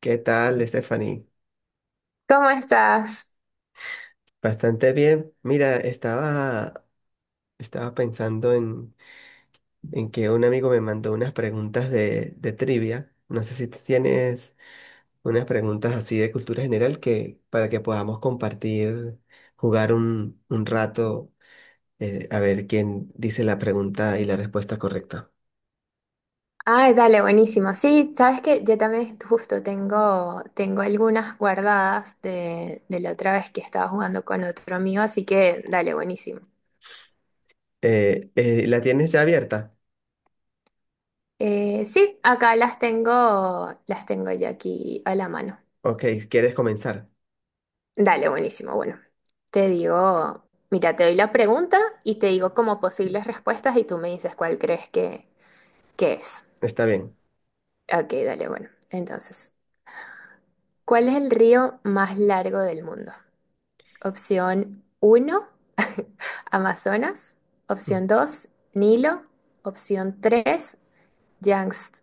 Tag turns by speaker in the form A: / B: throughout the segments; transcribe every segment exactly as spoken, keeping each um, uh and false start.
A: ¿Qué tal, Stephanie?
B: ¿Cómo estás?
A: Bastante bien. Mira, estaba, estaba pensando en, en que un amigo me mandó unas preguntas de, de trivia. No sé si tú tienes unas preguntas así de cultura general que, para que podamos compartir, jugar un, un rato, eh, a ver quién dice la pregunta y la respuesta correcta.
B: Ay, dale, buenísimo. Sí, sabes que yo también justo tengo, tengo algunas guardadas de, de la otra vez que estaba jugando con otro amigo, así que dale, buenísimo.
A: Eh, eh, ¿la tienes ya abierta?
B: Eh, sí, acá las tengo, las tengo yo aquí a la mano.
A: Ok, ¿quieres comenzar?
B: Dale, buenísimo. Bueno, te digo, mira, te doy la pregunta y te digo como posibles respuestas y tú me dices cuál crees que, que es.
A: Está bien.
B: Ok, dale, bueno. Entonces, ¿cuál es el río más largo del mundo? Opción uno Amazonas. Opción dos Nilo. Opción tres Yangtze.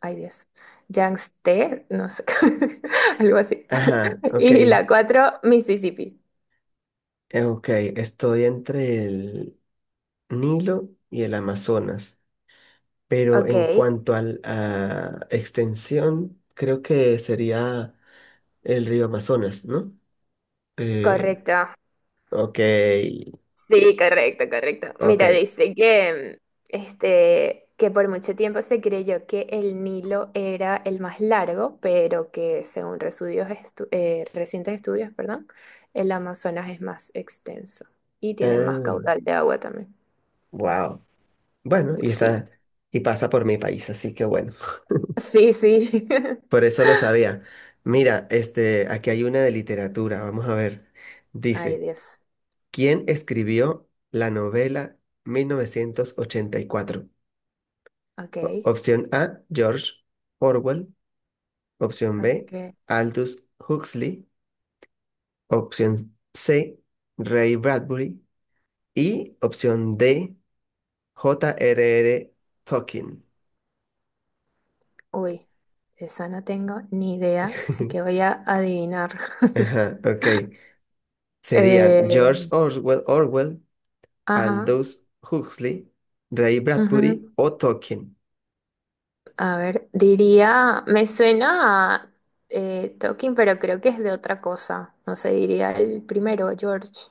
B: Ay Dios, Yangtze, no sé, algo así.
A: Ajá, ok.
B: Y la
A: eh,
B: cuatro Mississippi.
A: Ok, estoy entre el Nilo y el Amazonas. Pero
B: Ok,
A: en cuanto al- a extensión, creo que sería el río Amazonas, ¿no? Eh,
B: correcto.
A: ok,
B: Sí, correcto, correcto.
A: ok.
B: Mira, dice que, este, que por mucho tiempo se creyó que el Nilo era el más largo, pero que según estudios estu- eh, recientes estudios, perdón, el Amazonas es más extenso y tiene más
A: Ah,
B: caudal de agua también.
A: wow. Bueno, y
B: Sí,
A: está, y pasa por mi país, así que bueno.
B: sí, sí.
A: Por eso lo sabía. Mira, este, aquí hay una de literatura, vamos a ver.
B: Ay,
A: Dice,
B: Dios.
A: ¿quién escribió la novela mil novecientos ochenta y cuatro?
B: Ok,
A: O- Opción A, George Orwell. Opción B,
B: ok.
A: Aldous Huxley. Opción C, Ray Bradbury. Y opción D, J R R. Tolkien.
B: Uy, de esa no tengo ni idea, así que voy a adivinar.
A: Ajá, ok. Serían
B: Eh,
A: George Orwell, Orwell,
B: ajá.
A: Aldous Huxley, Ray Bradbury
B: Ujú.
A: o Tolkien.
B: A ver, diría, me suena a eh, Talking, pero creo que es de otra cosa. No sé, diría el primero, George.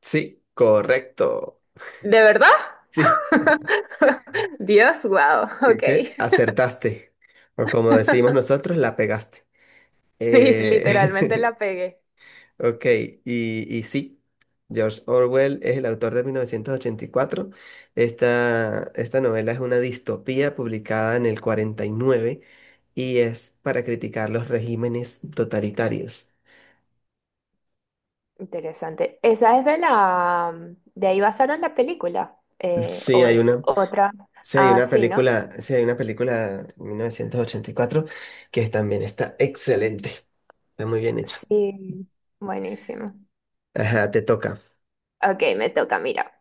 A: Sí, correcto.
B: ¿De verdad?
A: Sí,
B: Dios, wow, ok.
A: ok, acertaste. O como decimos nosotros, la pegaste.
B: Sí, literalmente
A: Eh,
B: la pegué.
A: Ok, y, y sí, George Orwell es el autor de mil novecientos ochenta y cuatro. Esta, esta novela es una distopía publicada en el cuarenta y nueve y es para criticar los regímenes totalitarios.
B: Interesante. Esa es de la... De ahí basaron la película. Eh,
A: Sí,
B: o
A: hay
B: es
A: una,
B: otra.
A: sí, hay
B: Ah,
A: una
B: sí, ¿no?
A: película, sí, hay una película mil novecientos ochenta y cuatro que también está excelente, está muy bien hecha.
B: Sí, buenísimo.
A: Ajá, te toca.
B: Ok, me toca, mira.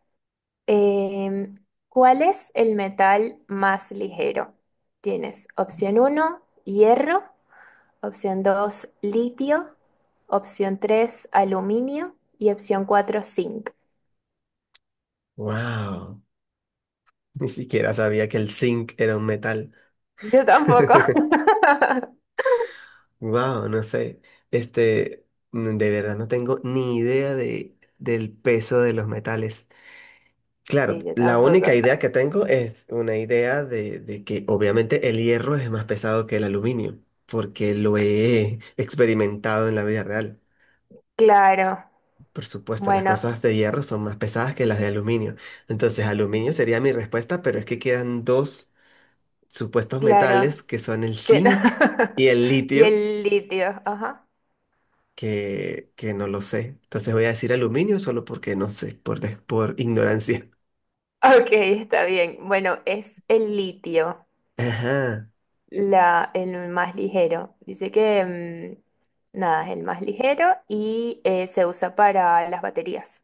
B: Em, ¿Cuál es el metal más ligero? Tienes opción uno, hierro, opción dos, litio, opción tres, aluminio y opción cuatro, zinc.
A: Wow, ni siquiera sabía que el zinc era un metal.
B: Yo tampoco.
A: Wow, no sé. Este, n- de verdad no tengo ni idea de, del peso de los metales. Claro,
B: Sí, yo
A: la única
B: tampoco.
A: idea que tengo es una idea de, de que obviamente el hierro es más pesado que el aluminio, porque lo he experimentado en la vida real.
B: Claro,
A: Por supuesto, las
B: bueno,
A: cosas de hierro son más pesadas que las de aluminio. Entonces, aluminio sería mi respuesta, pero es que quedan dos supuestos metales
B: claro.
A: que son el
B: Tien-
A: zinc y el
B: Y
A: litio.
B: el litio, ajá.
A: que, que no lo sé. Entonces voy a decir aluminio solo porque no sé, por, des- por ignorancia.
B: Ok, está bien. Bueno, es el litio.
A: Ajá.
B: La, el más ligero. Dice que, mm, nada, es el más ligero y eh, se usa para las baterías.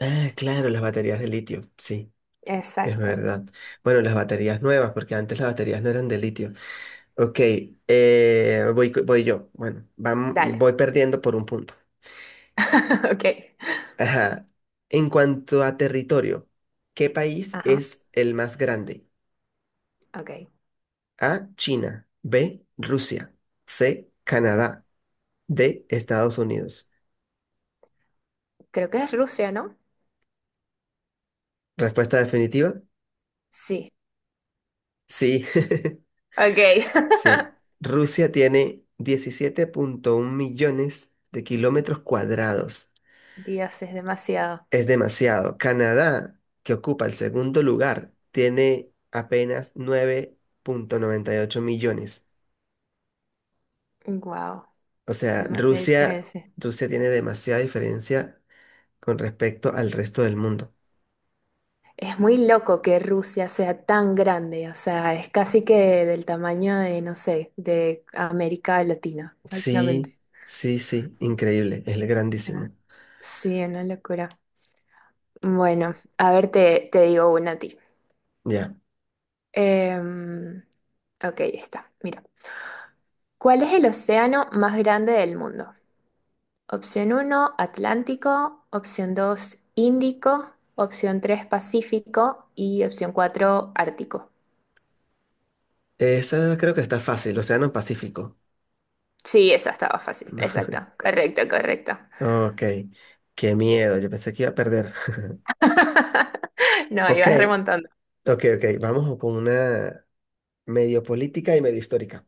A: Ah, claro, las baterías de litio. Sí, es
B: Exacto.
A: verdad. Bueno, las baterías nuevas, porque antes las baterías no eran de litio. Ok, eh, voy, co- voy yo. Bueno, vam-
B: Dale.
A: voy perdiendo por un punto.
B: Ok.
A: Ajá. En cuanto a territorio, ¿qué país
B: Ajá.
A: es el más grande?
B: Ok.
A: A, China. B, Rusia. C, Canadá. D, Estados Unidos.
B: Creo que es Rusia, ¿no?
A: Respuesta definitiva.
B: Sí.
A: Sí,
B: Ok.
A: sí. Rusia tiene diecisiete punto uno millones de kilómetros cuadrados.
B: Dios, es demasiado.
A: Es demasiado. Canadá, que ocupa el segundo lugar, tiene apenas nueve punto noventa y ocho millones.
B: Wow.
A: O
B: Es
A: sea,
B: demasiada
A: Rusia,
B: diferencia.
A: Rusia tiene demasiada diferencia con respecto al resto del mundo.
B: Es muy loco que Rusia sea tan grande. O sea, es casi que del tamaño de, no sé, de América Latina, básicamente.
A: Sí, sí, sí, increíble, es
B: Ah,
A: grandísimo.
B: sí, una locura. Bueno, a ver, te, te digo una a ti.
A: Ya.
B: Em, ok, ya está. Mira. ¿Cuál es el océano más grande del mundo? Opción uno, Atlántico. Opción dos, Índico. Opción tres, Pacífico. Y opción cuatro, Ártico.
A: Esa creo que está fácil, Océano Pacífico.
B: Sí, esa estaba fácil. Exacto. Correcto, correcto.
A: Ok, qué miedo, yo pensé que iba a perder.
B: No,
A: Ok,
B: ibas remontando.
A: ok, ok, vamos con una medio política y medio histórica.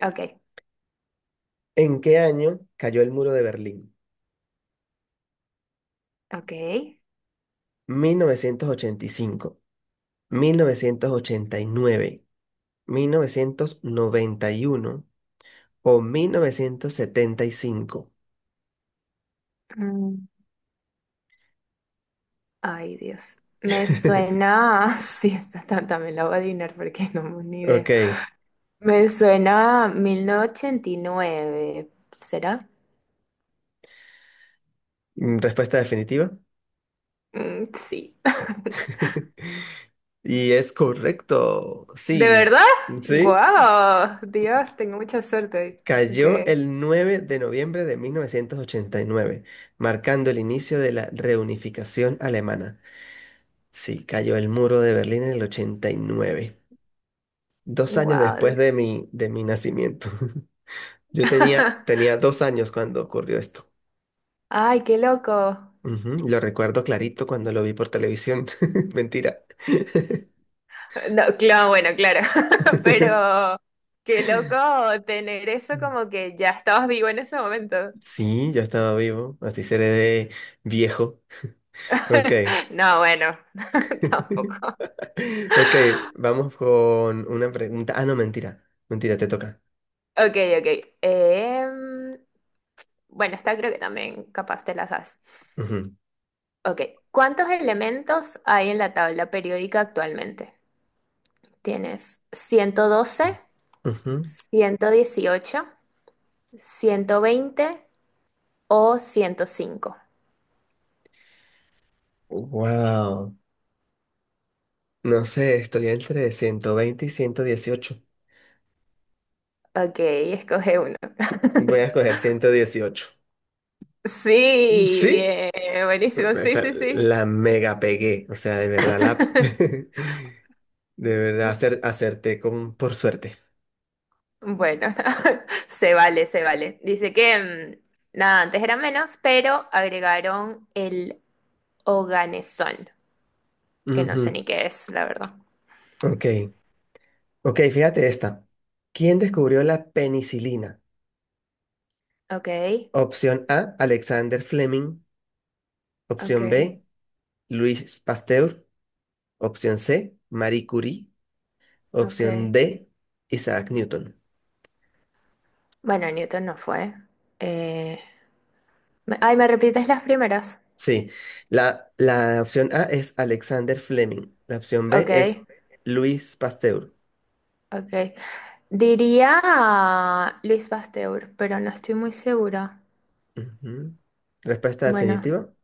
B: Ok,
A: ¿En qué año cayó el muro de Berlín?
B: ok.
A: Mil mil mil novecientos novecientos novecientos ochenta ochenta y y cinco, nueve, mil novecientos noventa y uno o mil novecientos setenta y cinco.
B: Mm, ay, Dios. Me suena. Sí, esta ta- también la voy a adivinar porque no tengo ni
A: Ok,
B: idea. Me suena a mil novecientos ochenta y nueve, ¿será?
A: mm, respuesta definitiva.
B: Mm, sí.
A: Y es correcto,
B: ¿De
A: sí,
B: verdad?
A: sí.
B: ¡Guau! Dios, tengo mucha suerte. Hoy. Ok.
A: Cayó el nueve de noviembre de mil novecientos ochenta y nueve, marcando el inicio de la reunificación alemana. Sí, cayó el muro de Berlín en el ochenta y nueve, dos años
B: ¡Guau!
A: después de
B: Dios.
A: mi, de mi nacimiento. Yo tenía, tenía dos años cuando ocurrió esto.
B: ¡Ay, qué loco!
A: Ujú, lo recuerdo clarito cuando lo vi por televisión. Mentira.
B: No, claro, bueno, claro. Pero qué loco tener eso como que ya estabas vivo en ese momento.
A: Sí, ya estaba vivo, así seré de viejo. Ok.
B: No, bueno, tampoco.
A: Ok, vamos con una pregunta. Ah, no, mentira. Mentira, te toca.
B: Ok, ok. Em, bueno, esta creo que también capaz te la sabes.
A: Ujú,
B: Ok, ¿cuántos elementos hay en la tabla periódica actualmente? ¿Tienes ciento ciento doce,
A: ujú.
B: ciento dieciocho, ciento veinte o ciento cinco?
A: Wow. No sé, estoy entre ciento veinte y ciento dieciocho.
B: Ok, escoge uno.
A: Voy a escoger ciento dieciocho.
B: Sí,
A: ¿Sí?
B: bien, buenísimo, sí,
A: Esa
B: sí, sí.
A: la mega pegué. O sea, de verdad la. De verdad acer- acerté con por suerte.
B: Bueno, se vale, se vale. Dice que, mm, nada, antes era menos, pero agregaron el oganesón, que no sé
A: Ujú.
B: ni qué es, la verdad.
A: Ok. Ok, fíjate esta. ¿Quién descubrió la penicilina?
B: Ok.
A: Opción A, Alexander Fleming.
B: Ok,
A: Opción B, Luis Pasteur, opción C, Marie Curie,
B: ok.
A: opción D, Isaac Newton.
B: Bueno, Newton no fue. Eh, me- ay, ¿Me repites las primeras?
A: Sí, la, la opción A es Alexander Fleming, la opción B
B: Ok,
A: es Luis Pasteur.
B: ok. Diría ah, Luis Pasteur, pero no estoy muy segura.
A: Ujú. Respuesta
B: Bueno,
A: definitiva.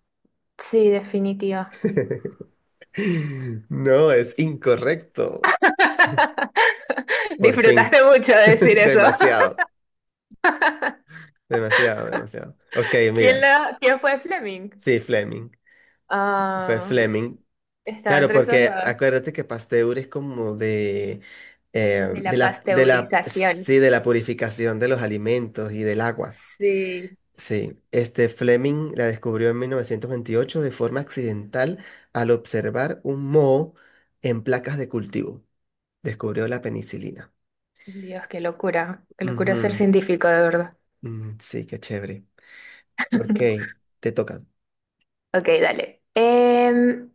B: sí, definitiva.
A: No, es incorrecto. Por fin.
B: Disfrutaste mucho de decir eso.
A: Demasiado, demasiado, demasiado. Ok,
B: ¿Quién,
A: mira,
B: la, quién fue Fleming?
A: sí, Fleming. Fue
B: Ah,
A: Fleming.
B: estaba
A: Claro,
B: entre esos
A: porque
B: dos.
A: acuérdate que Pasteur es como de, eh,
B: De
A: de
B: la
A: la, de la,
B: pasteurización.
A: sí, de la purificación de los alimentos y del agua.
B: Sí.
A: Sí, este Fleming la descubrió en mil novecientos veintiocho de forma accidental al observar un moho en placas de cultivo. Descubrió la penicilina.
B: Dios, qué locura. Qué locura ser
A: Ujú.
B: científico, de verdad.
A: Mm, sí, qué chévere. Ok, te tocan.
B: Ok, dale. Em,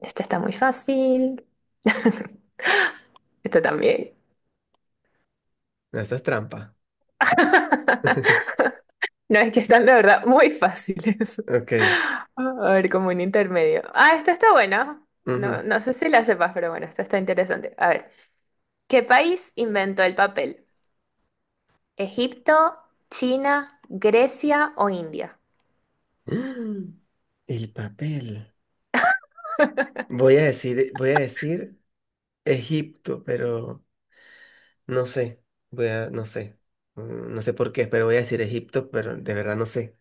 B: Esta está muy fácil. Esta también.
A: No, eso es trampa.
B: No, es que están, la verdad, muy fáciles.
A: Ok.
B: A ver, como un intermedio. Ah, esta está buena.
A: Ujú.
B: No, no sé si la sepas, pero bueno, esta está interesante. A ver, ¿qué país inventó el papel? ¿Egipto, China, Grecia o India?
A: El papel. Voy a decir, voy a decir. Egipto, pero no sé. Voy a, no sé. Mm, No sé por qué, pero voy a decir Egipto, pero de verdad no sé.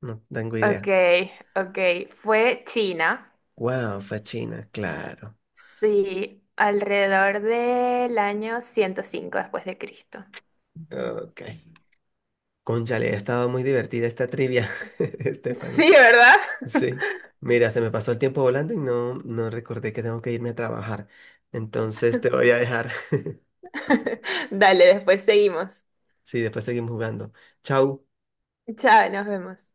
A: No tengo
B: Ok,
A: idea.
B: ok. Fue China.
A: Wow, fue China, claro.
B: Sí, alrededor del año ciento cinco después de Cristo.
A: Ok. Cónchale, ha estado muy divertida esta trivia, Stephanie.
B: Sí, ¿verdad?
A: Sí. Mira, se me pasó el tiempo volando y no, no recordé que tengo que irme a trabajar. Entonces te voy a dejar.
B: Dale, después seguimos.
A: Sí, después seguimos jugando. Chau.
B: Chao, nos vemos.